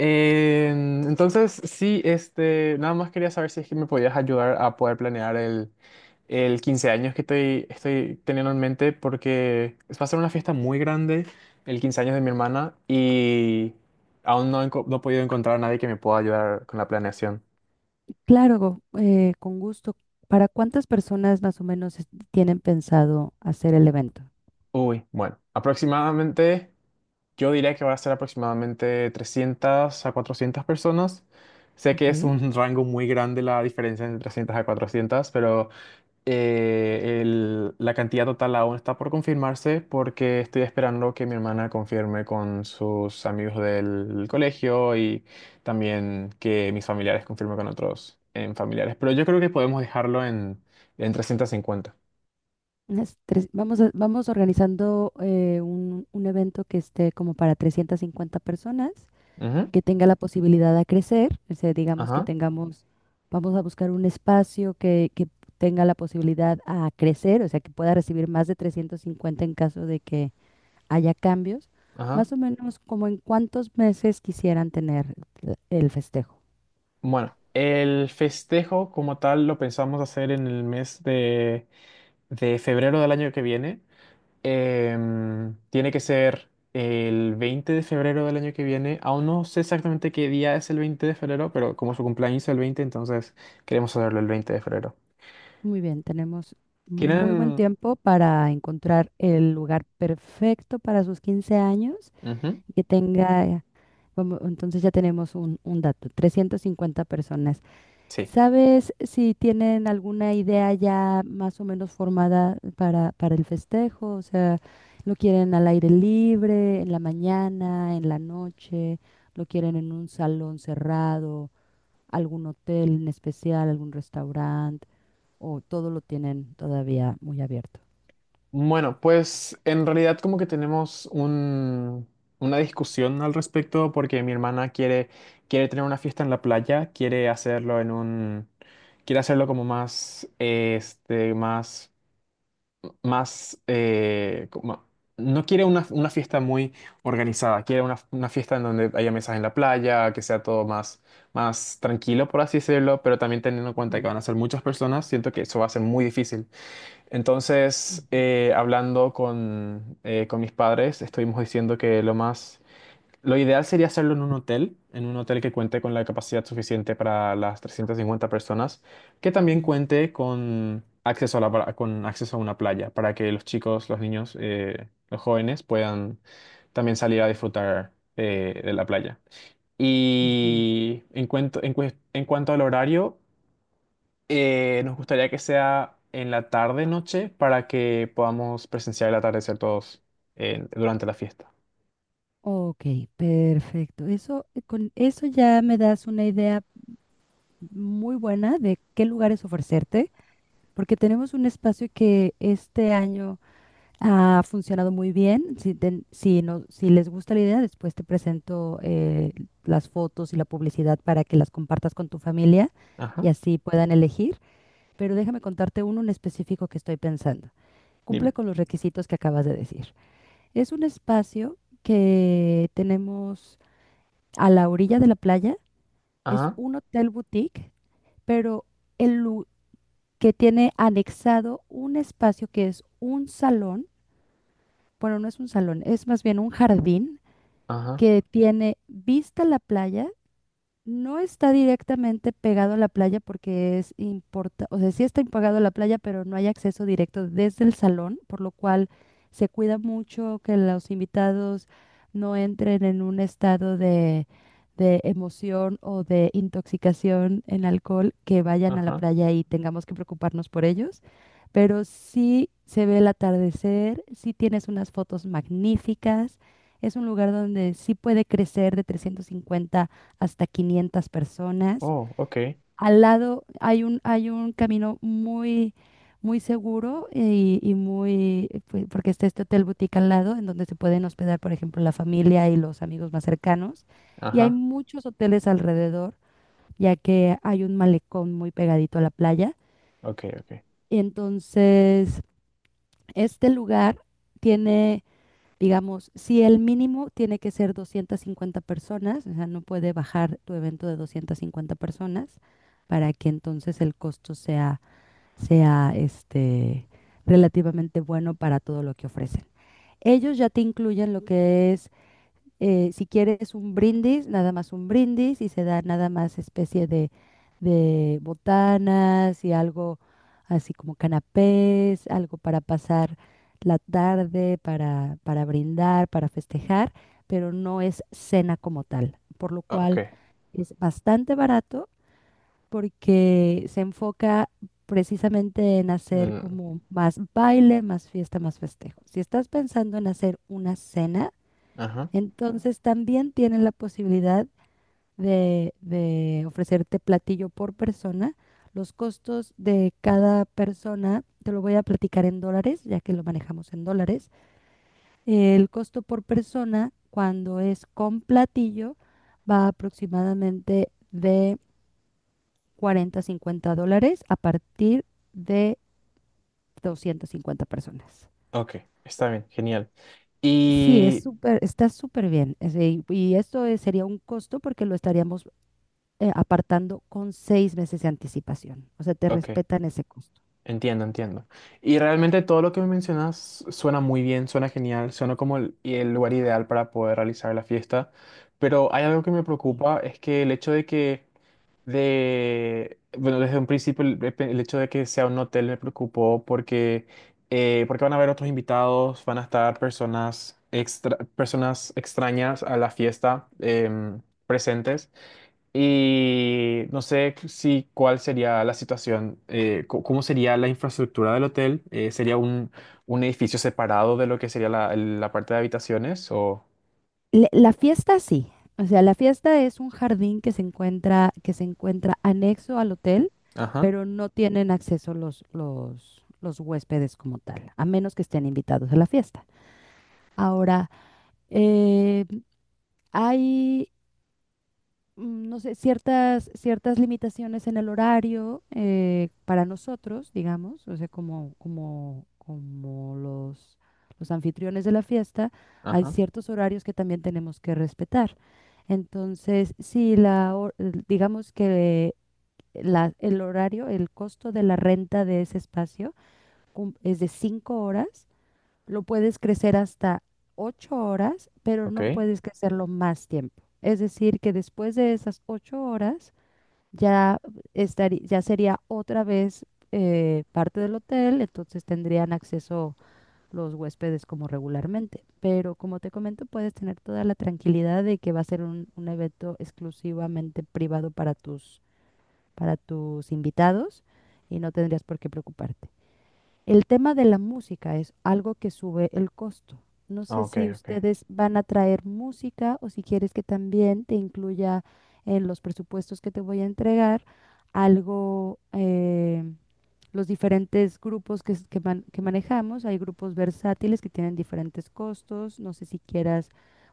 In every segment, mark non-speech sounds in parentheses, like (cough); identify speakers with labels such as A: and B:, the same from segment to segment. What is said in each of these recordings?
A: Sí, nada más quería saber si es que me podías ayudar a poder planear el 15 años que estoy teniendo en mente, porque va a ser una fiesta muy grande, el 15 años de mi hermana, y aún no he podido encontrar a nadie que me pueda ayudar con la planeación.
B: Claro, con gusto. ¿Para cuántas personas más o menos tienen pensado hacer el evento?
A: Uy, bueno, aproximadamente, yo diría que va a ser aproximadamente 300 a 400 personas. Sé
B: Ok.
A: que es un (laughs) rango muy grande la diferencia entre 300 a 400, pero... la cantidad total aún está por confirmarse porque estoy esperando que mi hermana confirme con sus amigos del colegio y también que mis familiares confirmen con otros en familiares. Pero yo creo que podemos dejarlo en 350.
B: Vamos, vamos organizando un evento que esté como para 350 personas,
A: Ujú.
B: que tenga la posibilidad de crecer. O sea, digamos que
A: Ajá,
B: tengamos, vamos a buscar un espacio que tenga la posibilidad a crecer, o sea, que pueda recibir más de 350 en caso de que haya cambios.
A: ajá.
B: Más o menos como en cuántos meses quisieran tener el festejo.
A: Bueno, el festejo como tal lo pensamos hacer en el mes de febrero del año que viene. Tiene que ser el 20 de febrero del año que viene. Aún no sé exactamente qué día es el 20 de febrero, pero como su cumpleaños es el 20, entonces queremos saberlo el 20 de febrero.
B: Muy bien, tenemos muy buen
A: ¿Tienen...?
B: tiempo para encontrar el lugar perfecto para sus 15 años
A: Ujú.
B: y que tenga, vamos, entonces ya tenemos un dato, 350 personas.
A: Sí.
B: ¿Sabes si tienen alguna idea ya más o menos formada para el festejo? O sea, ¿lo quieren al aire libre, en la mañana, en la noche? ¿Lo quieren en un salón cerrado? ¿Algún hotel en especial, algún restaurante? ¿O todo lo tienen todavía muy abierto?
A: Bueno, pues en realidad como que tenemos una discusión al respecto porque mi hermana quiere tener una fiesta en la playa, quiere hacerlo en un... Quiere hacerlo como más, este, más, eh, como- no quiere una fiesta muy organizada, quiere una fiesta en donde haya mesas en la playa, que sea todo más, más tranquilo, por así decirlo, pero también teniendo en cuenta que
B: Ujú,
A: van a ser muchas personas, siento que eso va a ser muy difícil. Entonces,
B: ujú,
A: hablando con mis padres, estuvimos diciendo que lo más... Lo ideal sería hacerlo en un hotel que cuente con la capacidad suficiente para las 350 personas, que también
B: ujú,
A: cuente con acceso a con acceso a una playa, para que los chicos, los niños, los jóvenes puedan también salir a disfrutar de la playa.
B: ujú.
A: Y en en cuanto al horario, nos gustaría que sea en la tarde, noche, para que podamos presenciar el atardecer todos durante la fiesta.
B: Ok, perfecto. Eso, con eso ya me das una idea muy buena de qué lugares ofrecerte, porque tenemos un espacio que este año ha funcionado muy bien. Si les gusta la idea, después te presento las fotos y la publicidad para que las compartas con tu familia y
A: Ajá,
B: así puedan elegir. Pero déjame contarte uno en específico que estoy pensando. Cumple
A: dime.
B: con los requisitos que acabas de decir. Es un espacio que tenemos a la orilla de la playa, es
A: Ajá,
B: un hotel boutique, pero el lu- que tiene anexado un espacio que es un salón, bueno, no es un salón, es más bien un jardín
A: ajá.
B: que tiene vista a la playa. No está directamente pegado a la playa porque o sea, sí está pegado a la playa, pero no hay acceso directo desde el salón, por lo cual se cuida mucho que los invitados no entren en un estado de emoción o de intoxicación en alcohol, que vayan a la
A: Ajá.
B: playa y tengamos que preocuparnos por ellos. Pero sí se ve el atardecer, sí tienes unas fotos magníficas, es un lugar donde sí puede crecer de 350 hasta 500 personas.
A: Oh, ok.
B: Al lado hay un camino muy, muy seguro y muy, pues, porque está este hotel boutique al lado, en donde se pueden hospedar, por ejemplo, la familia y los amigos más cercanos. Y hay
A: Ajá.
B: muchos hoteles alrededor, ya que hay un malecón muy pegadito a la playa.
A: Ok, ok.
B: Y entonces, este lugar tiene. Digamos, si el mínimo tiene que ser 250 personas, o sea, no puede bajar tu evento de 250 personas para que entonces el costo sea este, relativamente bueno para todo lo que ofrecen. Ellos ya te incluyen lo que es si quieres un brindis, nada más un brindis y se da nada más especie de botanas y algo así como canapés, algo para pasar la tarde, para brindar, para festejar, pero no es cena como tal, por lo
A: Oh,
B: cual
A: ok.
B: es bastante barato porque se enfoca precisamente en hacer
A: Mm,
B: como más baile, más fiesta, más festejo. Si estás pensando en hacer una cena,
A: ajá.
B: entonces también tienen la posibilidad de ofrecerte platillo por persona. Los costos de cada persona, te lo voy a platicar en dólares, ya que lo manejamos en dólares. El costo por persona, cuando es con platillo, va aproximadamente de 40 a $50 a partir de 250 personas.
A: Ok. Está bien. Genial.
B: Sí, es
A: Y...
B: súper, está súper bien. Es de- y esto es- Sería un costo porque lo estaríamos apartando con seis meses de anticipación. O sea, te
A: Ok.
B: respetan ese costo.
A: Entiendo, entiendo. Y realmente todo lo que me mencionas suena muy bien, suena genial, suena como el lugar ideal para poder realizar la fiesta. Pero hay algo que me
B: Sí.
A: preocupa, es que el hecho de que de, bueno, desde un principio el hecho de que sea un hotel me preocupó porque, porque van a haber otros invitados, van a estar personas, extra, personas extrañas a la fiesta presentes y no sé si cuál sería la situación, cómo sería la infraestructura del hotel, sería un edificio separado de lo que sería la parte de habitaciones o...
B: La fiesta sí. O sea, la fiesta es un jardín que se encuentra anexo al hotel,
A: Ajá,
B: pero no tienen acceso los huéspedes como tal, a menos que estén invitados a la fiesta. Ahora, eh, hay mm, no sé, ciertas limitaciones en el horario para nosotros, digamos, o sea, como los anfitriones de la fiesta, hay
A: ajá,
B: ciertos horarios que también tenemos que respetar. Entonces, si la, hor- el- digamos que el horario, el costo de la renta de ese espacio es de cinco horas, lo puedes crecer hasta 8 horas, pero
A: ok,
B: no puedes crecerlo más tiempo. Es decir, que después de esas 8 horas ya estaría, ya sería otra vez parte del hotel, entonces tendrían acceso los huéspedes como regularmente. Pero como te comento, puedes tener toda la tranquilidad de que va a ser un evento exclusivamente privado para tus invitados y no tendrías por qué preocuparte. El tema de la música es algo que sube el costo. No sé
A: ok,
B: si
A: ok.
B: ustedes van a traer música o si quieres que también te incluya en los presupuestos que te voy a entregar algo, los diferentes grupos que manejamos. Hay grupos versátiles que tienen diferentes costos. No sé si quieras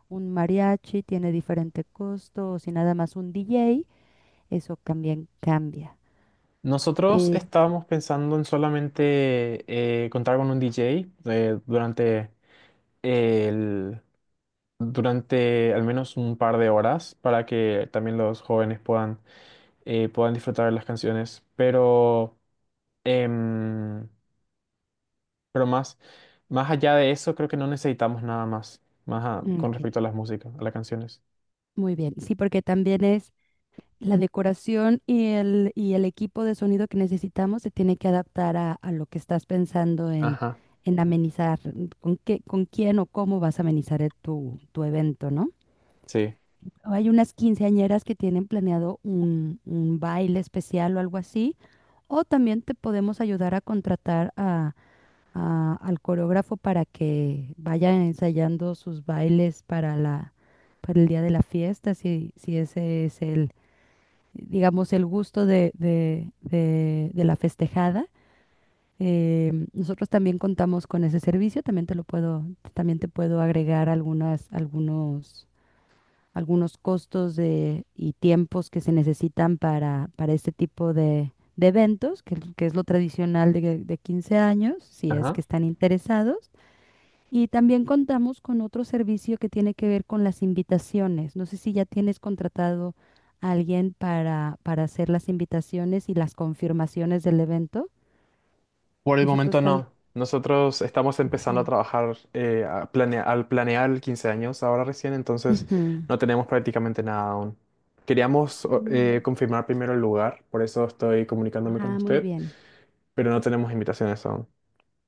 B: un mariachi, tiene diferente costo, o si nada más un DJ, eso también cambia.
A: Nosotros
B: Eh,
A: estábamos pensando en solamente contar con un DJ durante el, durante al menos un par de horas para que también los jóvenes puedan disfrutar de las canciones. Pero, em, pero más allá de eso, creo que no necesitamos nada más, con
B: ok,
A: respecto a las músicas, a las canciones.
B: Muy bien, sí, porque también es. La decoración y el equipo de sonido que necesitamos se tiene que adaptar a lo que estás pensando
A: Ajá,
B: en amenizar, con qué, con quién o cómo vas a amenizar tu evento, ¿no?
A: sí.
B: Hay unas quinceañeras que tienen planeado un baile especial o algo así, o también te podemos ayudar a contratar al coreógrafo para que vaya ensayando sus bailes para la, para el día de la fiesta, si ese es el, digamos, el gusto de la festejada. Nosotros también contamos con ese servicio, también te lo puedo, también te puedo agregar algunos costos de, y tiempos que se necesitan para este tipo de eventos, que es lo tradicional de 15 años, si es
A: Ajá.
B: que están interesados. Y también contamos con otro servicio que tiene que ver con las invitaciones. No sé si ya tienes contratado a alguien para hacer las invitaciones y las confirmaciones del evento.
A: Por el
B: Nosotros
A: momento
B: también...
A: no. Nosotros estamos empezando a trabajar al planear 15 años ahora recién, entonces
B: Ujú.
A: no tenemos prácticamente nada aún. Queríamos
B: Sí.
A: confirmar primero el lugar, por eso estoy comunicándome con
B: Ah, muy
A: usted,
B: bien.
A: pero no tenemos invitaciones aún.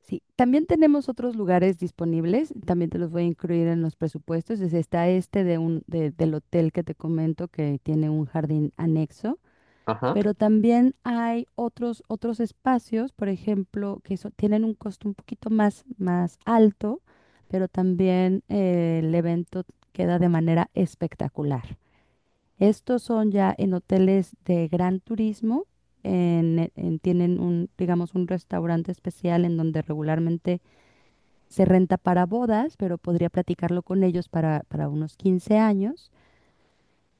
B: Sí, también tenemos otros lugares disponibles, también te los voy a incluir en los presupuestos. Está este de un, del hotel que te comento que tiene un jardín anexo.
A: Ajá.
B: Pero también hay otros, otros espacios, por ejemplo, tienen un costo un poquito más, más alto, pero también el evento queda de manera espectacular. Estos son ya en hoteles de gran turismo, tienen un, digamos, un restaurante especial en donde regularmente se renta para bodas, pero podría platicarlo con ellos para unos 15 años.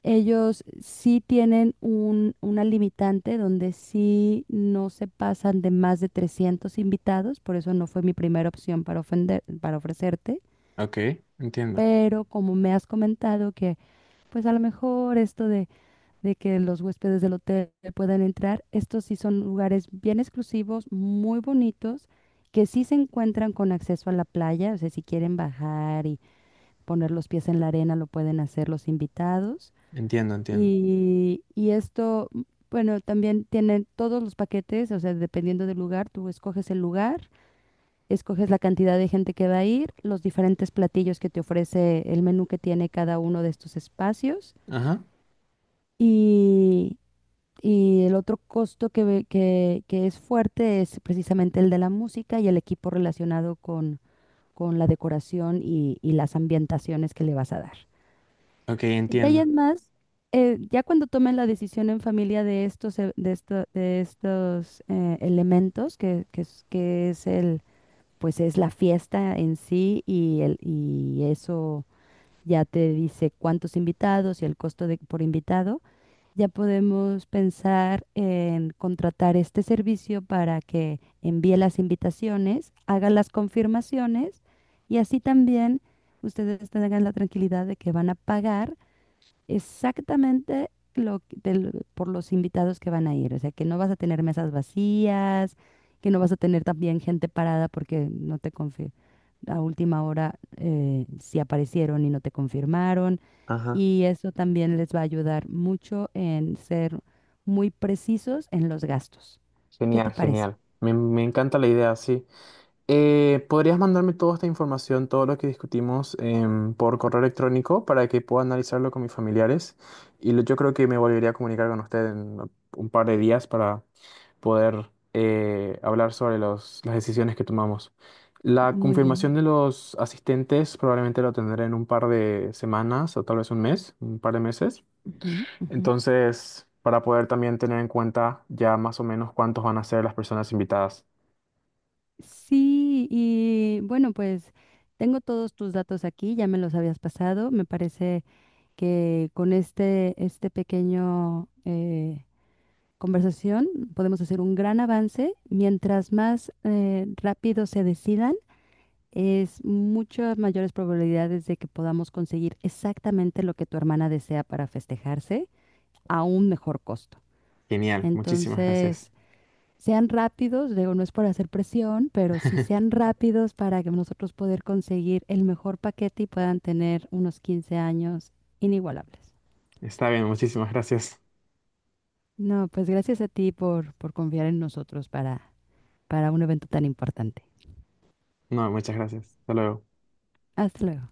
B: Ellos sí tienen un, una limitante donde sí no se pasan de más de 300 invitados, por eso no fue mi primera opción para ofender, para ofrecerte,
A: Ok, entiendo,
B: pero como me has comentado que pues a lo mejor esto de que los huéspedes del hotel puedan entrar, estos sí son lugares bien exclusivos, muy bonitos, que sí se encuentran con acceso a la playa, o sea, si quieren bajar y poner los pies en la arena lo pueden hacer los invitados
A: entiendo, entiendo.
B: y esto, bueno, también tienen todos los paquetes, o sea, dependiendo del lugar, tú escoges el lugar, escoges la cantidad de gente que va a ir, los diferentes platillos que te ofrece el menú que tiene cada uno de estos espacios.
A: Ajá.
B: Y, y el otro costo que es fuerte es precisamente el de la música y el equipo relacionado con la decoración y las ambientaciones que le vas a dar.
A: Ok,
B: De ahí
A: entiendo.
B: en más, ya cuando tomen la decisión en familia de estos, de estos elementos, que es el, pues es la fiesta en sí y eso ya te dice cuántos invitados y el costo de, por invitado, ya podemos pensar en contratar este servicio para que envíe las invitaciones, haga las confirmaciones y así también ustedes tengan la tranquilidad de que van a pagar exactamente por los invitados que van a ir. O sea, que no vas a tener mesas vacías, que no vas a tener también gente parada porque no te confirmaron. A última hora si aparecieron y no te confirmaron.
A: Ajá,
B: Y eso también les va a ayudar mucho en ser muy precisos en los gastos. ¿Qué
A: genial,
B: te parece?
A: genial. Me encanta la idea, sí. ¿Podrías mandarme toda esta información, todo lo que discutimos por correo electrónico para que pueda analizarlo con mis familiares? Y yo creo que me volvería a comunicar con usted en un par de días para poder hablar sobre las decisiones que tomamos. La
B: Muy
A: confirmación
B: bien.
A: de los asistentes probablemente lo tendré en un par de semanas o tal vez un mes, un par de meses.
B: Ujú, ujú.
A: Entonces, para poder también tener en cuenta ya más o menos cuántos van a ser las personas invitadas.
B: Sí, y bueno, pues tengo todos tus datos aquí, ya me los habías pasado. Me parece que con este, este pequeño conversación podemos hacer un gran avance. Mientras más rápido se decidan, es muchas mayores probabilidades de que podamos conseguir exactamente lo que tu hermana desea para festejarse a un mejor costo.
A: Genial, muchísimas gracias.
B: Entonces, sean rápidos, digo, no es por hacer presión, pero sí
A: (laughs)
B: sean rápidos para que nosotros poder conseguir el mejor paquete y puedan tener unos 15 años inigualables.
A: Está bien, muchísimas gracias.
B: No, pues gracias a ti por confiar en nosotros para un evento tan importante.
A: No, muchas gracias. Hasta luego.
B: Hasta luego.